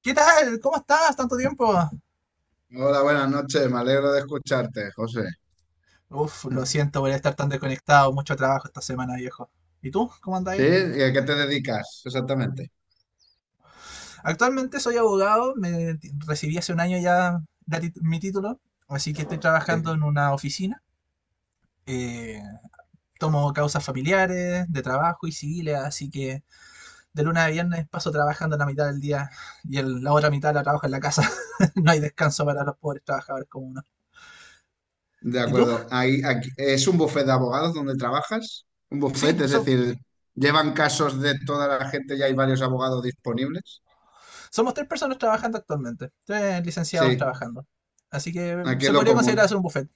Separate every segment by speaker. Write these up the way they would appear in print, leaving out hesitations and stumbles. Speaker 1: ¿Qué tal? ¿Cómo estás? ¿Tanto tiempo?
Speaker 2: Hola, buenas noches. Me alegro de escucharte, José.
Speaker 1: Uf, lo siento por estar tan desconectado. Mucho trabajo esta semana, viejo. ¿Y tú? ¿Cómo
Speaker 2: ¿Sí?
Speaker 1: andás?
Speaker 2: ¿Y a qué te dedicas exactamente?
Speaker 1: Actualmente soy abogado. Recibí hace un año ya mi título. Así que estoy
Speaker 2: Sí.
Speaker 1: trabajando en una oficina. Eh, Tomo causas familiares, de trabajo y civiles. Así que de lunes a viernes paso trabajando la mitad del día y la otra mitad la trabajo en la casa. No hay descanso para los pobres trabajadores como uno.
Speaker 2: De
Speaker 1: ¿Y tú?
Speaker 2: acuerdo. ¿Es un bufete de abogados donde trabajas? Un
Speaker 1: Sí,
Speaker 2: bufete, es
Speaker 1: eso.
Speaker 2: decir, ¿llevan casos de toda la gente y hay varios abogados disponibles?
Speaker 1: Somos tres personas trabajando actualmente, tres licenciados
Speaker 2: Sí,
Speaker 1: trabajando. Así que
Speaker 2: aquí es
Speaker 1: se
Speaker 2: lo
Speaker 1: podría considerar hacer
Speaker 2: común.
Speaker 1: un buffet.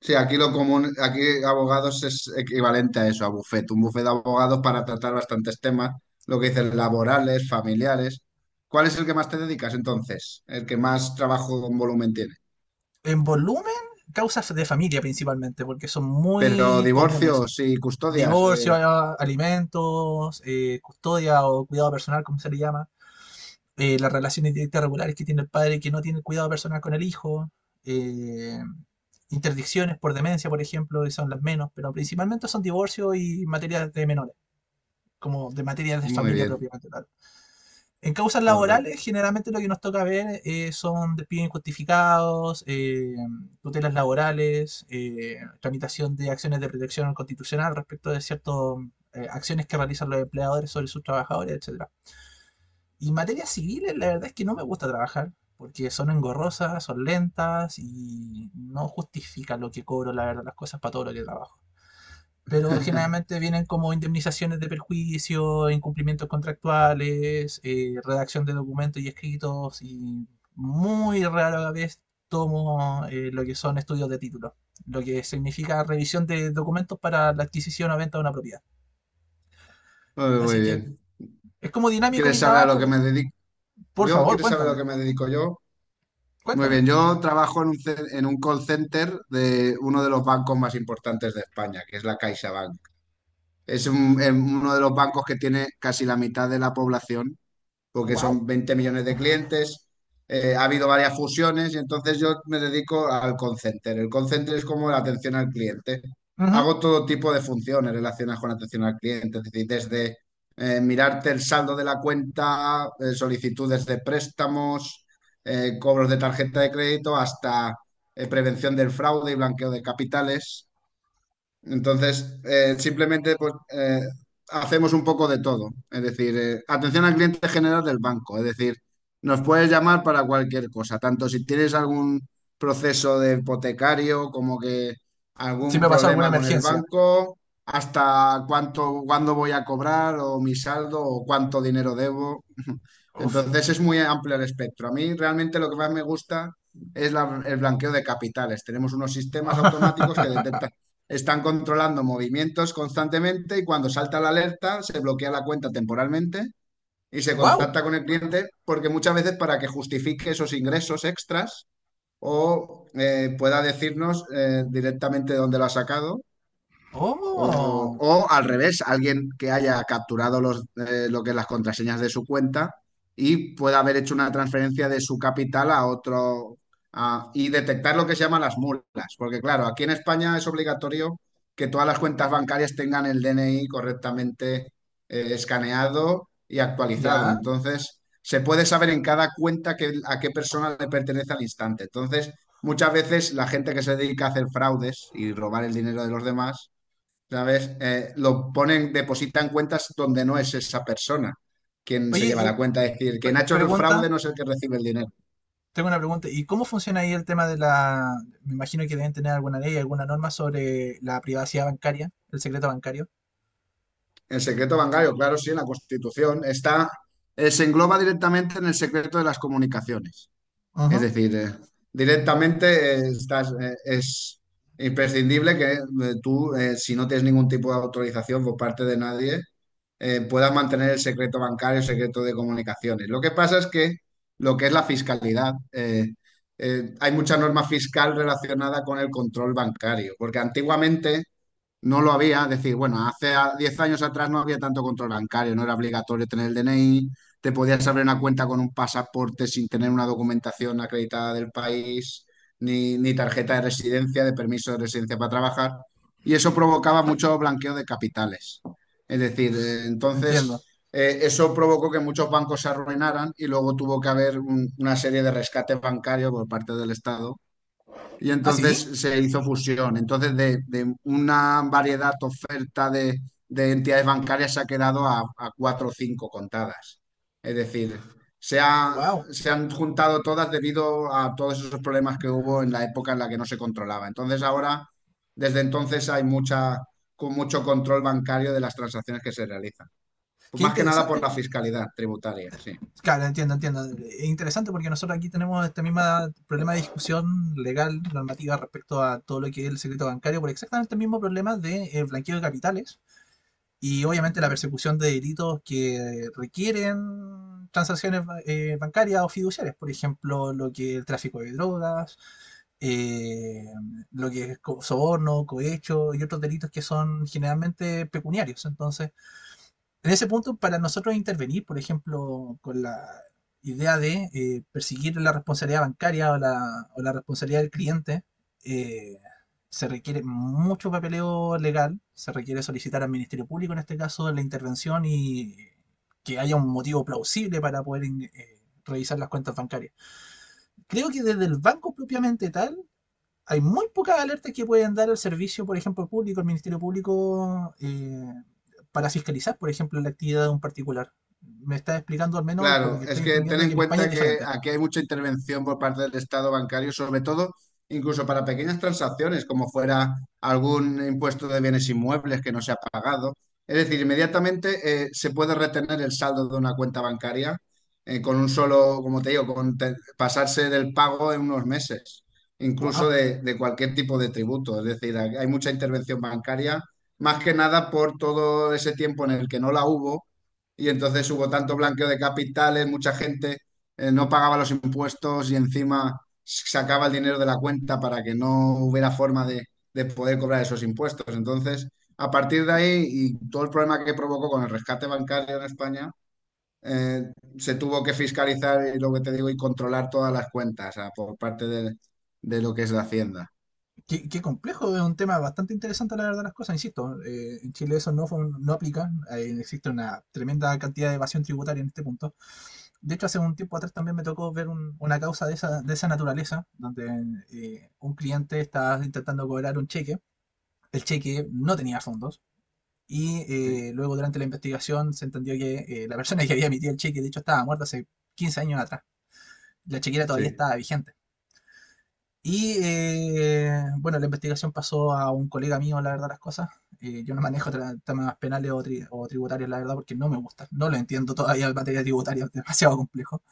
Speaker 2: Sí, aquí lo común, aquí abogados es equivalente a eso, a bufete. Un bufete de abogados para tratar bastantes temas, lo que dicen laborales, familiares. ¿Cuál es el que más te dedicas entonces? ¿El que más trabajo con volumen tiene?
Speaker 1: En volumen, causas de familia principalmente, porque son
Speaker 2: Pero
Speaker 1: muy comunes.
Speaker 2: divorcios y custodias,
Speaker 1: Divorcio, alimentos, custodia o cuidado personal, como se le llama. Las relaciones directas regulares que tiene el padre que no tiene el cuidado personal con el hijo. eh, Interdicciones por demencia, por ejemplo, y son las menos, pero principalmente son divorcio y materias de menores, como de materias de
Speaker 2: muy
Speaker 1: familia
Speaker 2: bien,
Speaker 1: propiamente tal. En causas
Speaker 2: correcto.
Speaker 1: laborales, generalmente lo que nos toca ver son despidos injustificados, tutelas laborales, tramitación de acciones de protección constitucional respecto de ciertas acciones que realizan los empleadores sobre sus trabajadores, etcétera. Y en materia civil, la verdad es que no me gusta trabajar, porque son engorrosas, son lentas y no justifican lo que cobro, la verdad, las cosas, para todo lo que trabajo, pero generalmente vienen como indemnizaciones de perjuicio, incumplimientos contractuales, redacción de documentos y escritos, y muy rara vez tomo lo que son estudios de título, lo que significa revisión de documentos para la adquisición o venta de una propiedad.
Speaker 2: Muy, muy
Speaker 1: Así que
Speaker 2: bien.
Speaker 1: es como dinámico
Speaker 2: ¿Quieres
Speaker 1: mi
Speaker 2: saber a lo
Speaker 1: trabajo,
Speaker 2: que
Speaker 1: pero
Speaker 2: me dedico
Speaker 1: por
Speaker 2: yo?
Speaker 1: favor,
Speaker 2: ¿Quieres saber a lo
Speaker 1: cuéntame,
Speaker 2: que me dedico yo? Muy bien,
Speaker 1: cuéntame.
Speaker 2: yo trabajo en en un call center de uno de los bancos más importantes de España, que es la CaixaBank. Uno de los bancos que tiene casi la mitad de la población porque
Speaker 1: ¡Wow!
Speaker 2: son 20 millones de clientes, ha habido varias fusiones y entonces yo me dedico al call center. El call center es como la atención al cliente.
Speaker 1: Ujú.
Speaker 2: Hago todo tipo de funciones relacionadas con atención al cliente, es decir, desde mirarte el saldo de la cuenta, solicitudes de préstamos, cobros de tarjeta de crédito, hasta prevención del fraude y blanqueo de capitales. Entonces, simplemente pues, hacemos un poco de todo. Es decir, atención al cliente general del banco. Es decir, nos puedes llamar para cualquier cosa, tanto si tienes algún proceso de hipotecario como que
Speaker 1: Si
Speaker 2: algún
Speaker 1: me pasó alguna
Speaker 2: problema con el
Speaker 1: emergencia.
Speaker 2: banco, hasta cuánto, cuándo voy a cobrar o mi saldo o cuánto dinero debo.
Speaker 1: Uf.
Speaker 2: Entonces, es muy amplio el espectro. A mí realmente lo que más me gusta es el blanqueo de capitales. Tenemos unos sistemas automáticos que detectan, están controlando movimientos constantemente y cuando salta la alerta se bloquea la cuenta temporalmente y se
Speaker 1: ¡Wow!
Speaker 2: contacta con el cliente porque muchas veces para que justifique esos ingresos extras o pueda decirnos directamente dónde lo ha sacado
Speaker 1: ¡Oh!
Speaker 2: o al revés, alguien que haya capturado los, lo que es las contraseñas de su cuenta y pueda haber hecho una transferencia de su capital a otro y detectar lo que se llaman las mulas. Porque claro, aquí en España es obligatorio que todas las cuentas bancarias tengan el DNI correctamente escaneado y actualizado.
Speaker 1: ¿Ya?
Speaker 2: Entonces, se puede saber en cada cuenta que, a qué persona le pertenece al instante. Entonces, muchas veces la gente que se dedica a hacer fraudes y robar el dinero de los demás, ¿sabes? Lo ponen, depositan cuentas donde no es esa persona quien se
Speaker 1: Oye,
Speaker 2: lleva
Speaker 1: y
Speaker 2: la cuenta. Es decir, quien ha hecho el fraude
Speaker 1: pregunta,
Speaker 2: no es el que recibe el dinero.
Speaker 1: tengo una pregunta, ¿y cómo funciona ahí el tema de la...? Me imagino que deben tener alguna ley, alguna norma sobre la privacidad bancaria, el secreto bancario.
Speaker 2: El secreto bancario, claro, sí, en la Constitución está, se engloba directamente en el secreto de las comunicaciones. Es
Speaker 1: Ujú.
Speaker 2: decir, directamente es imprescindible que tú, si no tienes ningún tipo de autorización por parte de nadie, puedas mantener el secreto bancario, el secreto de comunicaciones. Lo que pasa es que lo que es la fiscalidad, hay mucha norma fiscal relacionada con el control bancario, porque antiguamente no lo había, es decir, bueno, hace 10 años atrás no había tanto control bancario, no era obligatorio tener el DNI, te podías abrir una cuenta con un pasaporte sin tener una documentación acreditada del país, ni tarjeta de residencia, de permiso de residencia para trabajar, y eso provocaba mucho blanqueo de capitales. Es decir,
Speaker 1: Entiendo.
Speaker 2: entonces, eso provocó que muchos bancos se arruinaran y luego tuvo que haber una serie de rescate bancario por parte del Estado y
Speaker 1: ¿Ah, sí?
Speaker 2: entonces se hizo fusión. Entonces, de una variedad oferta de entidades bancarias se ha quedado a cuatro o cinco contadas. Es decir, se, ha-
Speaker 1: Wow.
Speaker 2: se han juntado todas debido a todos esos problemas que hubo en la época en la que no se controlaba. Entonces, ahora, desde entonces, hay mucha, con mucho control bancario de las transacciones que se realizan. Pues
Speaker 1: Qué
Speaker 2: más que nada por
Speaker 1: interesante.
Speaker 2: la fiscalidad tributaria, sí.
Speaker 1: Claro, entiendo, entiendo. Es interesante porque nosotros aquí tenemos este mismo problema de discusión legal, normativa respecto a todo lo que es el secreto bancario, por exactamente el mismo problema de blanqueo de capitales y obviamente la persecución de delitos que requieren transacciones bancarias o fiduciarias, por ejemplo, lo que es el tráfico de drogas, eh, lo que es soborno, cohecho y otros delitos que son generalmente pecuniarios. Entonces, en ese punto, para nosotros intervenir, por ejemplo, con la idea de perseguir la responsabilidad bancaria o la responsabilidad del cliente, eh, se requiere mucho papeleo legal, se requiere solicitar al Ministerio Público, en este caso, la intervención y que haya un motivo plausible para poder revisar las cuentas bancarias. Creo que desde el banco propiamente tal, hay muy pocas alertas que pueden dar el servicio, por ejemplo, público, el Ministerio Público, para fiscalizar, por ejemplo, la actividad de un particular. Me está explicando, al menos por lo
Speaker 2: Claro,
Speaker 1: que
Speaker 2: es
Speaker 1: estoy
Speaker 2: que ten
Speaker 1: entendiendo, que
Speaker 2: en
Speaker 1: en España es
Speaker 2: cuenta que
Speaker 1: diferente.
Speaker 2: aquí hay mucha intervención por parte del Estado bancario, sobre todo incluso para pequeñas transacciones, como fuera algún impuesto de bienes inmuebles que no se ha pagado. Es decir, inmediatamente se puede retener el saldo de una cuenta bancaria con un solo, como te digo, pasarse del pago en unos meses, incluso
Speaker 1: ¡Wow!
Speaker 2: de cualquier tipo de tributo. Es decir, hay mucha intervención bancaria, más que nada por todo ese tiempo en el que no la hubo y entonces hubo tanto blanqueo de capitales, mucha gente no pagaba los impuestos y encima sacaba el dinero de la cuenta para que no hubiera forma de poder cobrar esos impuestos. Entonces, a partir de ahí y todo el problema que provocó con el rescate bancario en España, eh, se tuvo que fiscalizar, y lo que te digo, y controlar todas las cuentas ah, por parte de lo que es la Hacienda.
Speaker 1: Qué, qué complejo, es un tema bastante interesante, la verdad, las cosas. Insisto, en Chile eso no, no aplica. Existe una tremenda cantidad de evasión tributaria en este punto. De hecho, hace un tiempo atrás también me tocó ver una causa de esa naturaleza, donde un cliente estaba intentando cobrar un cheque. El cheque no tenía fondos y
Speaker 2: Sí,
Speaker 1: luego durante la investigación se entendió que la persona que había emitido el cheque, de hecho, estaba muerta hace 15 años atrás. La chequera todavía
Speaker 2: sí.
Speaker 1: estaba vigente. Y bueno, la investigación pasó a un colega mío, la verdad, las cosas. Yo no manejo temas penales o, o tributarios, la verdad, porque no me gusta. No lo entiendo todavía en materia tributaria, es demasiado complejo.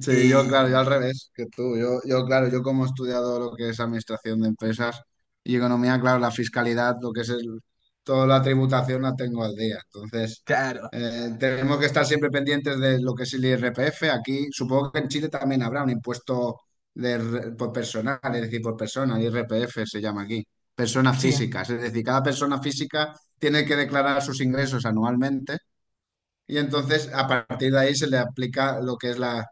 Speaker 2: Sí, yo,
Speaker 1: Eh,
Speaker 2: claro, yo al revés que tú. Yo, claro, yo como he estudiado lo que es administración de empresas y economía, claro, la fiscalidad, lo que es toda la tributación la tengo al día. Entonces,
Speaker 1: claro,
Speaker 2: tenemos que estar siempre pendientes de lo que es el IRPF. Aquí, supongo que en Chile también habrá un impuesto de, por personal, es decir, por persona, IRPF se llama aquí, personas
Speaker 1: sí.
Speaker 2: físicas. Es decir, cada persona física tiene que declarar sus ingresos anualmente y entonces, a partir de ahí, se le aplica lo que es la,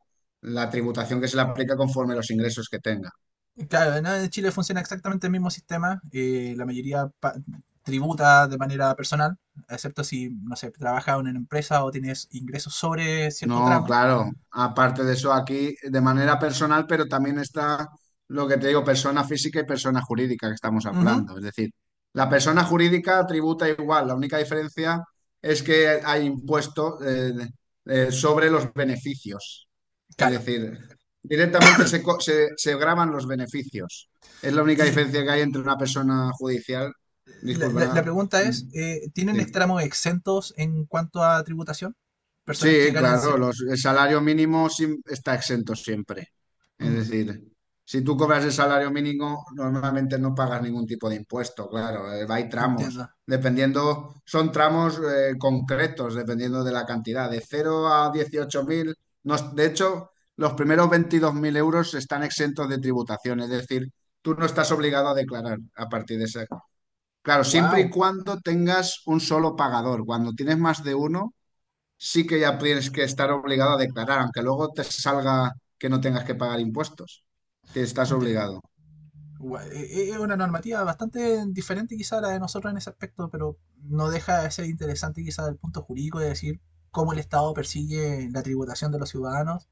Speaker 2: la tributación que se le aplica conforme los ingresos que tenga.
Speaker 1: Claro, ¿no? En Chile funciona exactamente el mismo sistema. La mayoría tributa de manera personal, excepto si, no sé, trabaja en una empresa o tienes ingresos sobre cierto
Speaker 2: No,
Speaker 1: tramo.
Speaker 2: claro. Aparte de eso, aquí de manera personal, pero también está lo que te digo, persona física y persona jurídica que estamos
Speaker 1: Ujú,
Speaker 2: hablando. Es decir, la persona jurídica tributa igual. La única diferencia es que hay impuesto sobre los beneficios. Es
Speaker 1: claro.
Speaker 2: decir, directamente se, se graban los beneficios. Es la única
Speaker 1: Y
Speaker 2: diferencia que hay entre una persona judicial.
Speaker 1: la,
Speaker 2: Disculpa,
Speaker 1: la
Speaker 2: nada.
Speaker 1: pregunta es, ¿tienen
Speaker 2: Sí.
Speaker 1: tramos exentos en cuanto a tributación? Personas que
Speaker 2: Sí,
Speaker 1: ganen
Speaker 2: claro,
Speaker 1: cierto...
Speaker 2: el salario mínimo está exento siempre. Es decir, si tú cobras el salario mínimo, normalmente no pagas ningún tipo de impuesto, claro, hay tramos.
Speaker 1: Entiendo.
Speaker 2: Dependiendo, son tramos concretos, dependiendo de la cantidad, de cero a 18.000, no es- de hecho, los primeros 22.000 euros están exentos de tributación, es decir, tú no estás obligado a declarar a partir de ese. Claro, siempre y
Speaker 1: ¡Wow!
Speaker 2: cuando tengas un solo pagador. Cuando tienes más de uno, sí que ya tienes que estar obligado a declarar, aunque luego te salga que no tengas que pagar impuestos. Te estás
Speaker 1: Qué interesante.
Speaker 2: obligado.
Speaker 1: Gua- e- es una normativa bastante diferente quizá a la de nosotros en ese aspecto, pero no deja de ser interesante quizá el punto jurídico de decir cómo el Estado persigue la tributación de los ciudadanos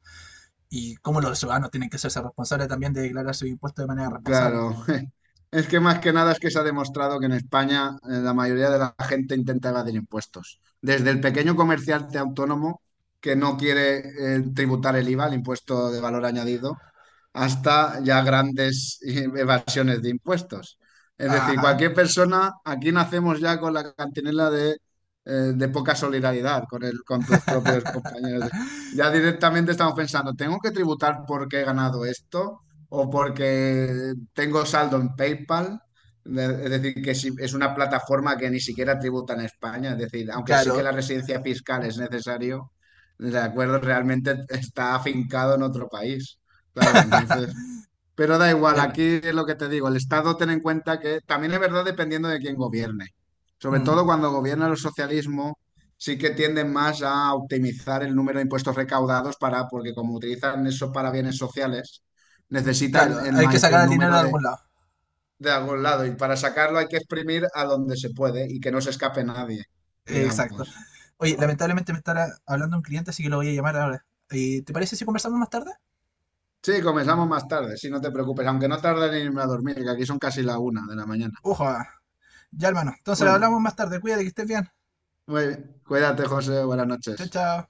Speaker 1: y cómo los ciudadanos tienen que hacerse responsables también de declarar sus impuestos de manera responsable.
Speaker 2: Claro. Es que más que nada es que se ha demostrado que en España la mayoría de la gente intenta evadir impuestos. Desde el pequeño comerciante autónomo que no quiere tributar el IVA, el impuesto de valor añadido, hasta ya grandes evasiones de impuestos. Es decir,
Speaker 1: Ajá,
Speaker 2: cualquier persona, aquí nacemos ya con la cantinela de poca solidaridad con el, con tus propios compañeros. Ya directamente estamos pensando, ¿tengo que tributar porque he ganado esto? ¿O porque tengo saldo en PayPal? Es decir, que si es una plataforma que ni siquiera tributa en España, es decir, aunque sí que
Speaker 1: claro.
Speaker 2: la residencia fiscal es necesario, de acuerdo, realmente está afincado en otro país. Claro, entonces. Pero da igual,
Speaker 1: Er-
Speaker 2: aquí es lo que te digo, el Estado ten en cuenta que también es verdad dependiendo de quién gobierne. Sobre
Speaker 1: Mm,
Speaker 2: todo cuando gobierna el socialismo, sí que tienden más a optimizar el número de impuestos recaudados para, porque como utilizan eso para bienes sociales,
Speaker 1: claro,
Speaker 2: necesitan el
Speaker 1: hay que
Speaker 2: mayor
Speaker 1: sacar el dinero de
Speaker 2: número
Speaker 1: algún lado.
Speaker 2: de algún lado. Y para sacarlo hay que exprimir a donde se puede y que no se escape nadie,
Speaker 1: Exacto.
Speaker 2: digamos.
Speaker 1: Oye, lamentablemente me estará hablando un cliente, así que lo voy a llamar ahora. ¿Te parece si conversamos más tarde?
Speaker 2: Sí, comenzamos más tarde, si no te preocupes, aunque no tarde en irme a dormir, que aquí son casi la una de la mañana.
Speaker 1: Uja. Ya, hermano. Entonces hablamos
Speaker 2: Bueno.
Speaker 1: más tarde. Cuídate, que estés bien.
Speaker 2: Muy bien. Cuídate, José. Buenas
Speaker 1: Chao,
Speaker 2: noches.
Speaker 1: chao.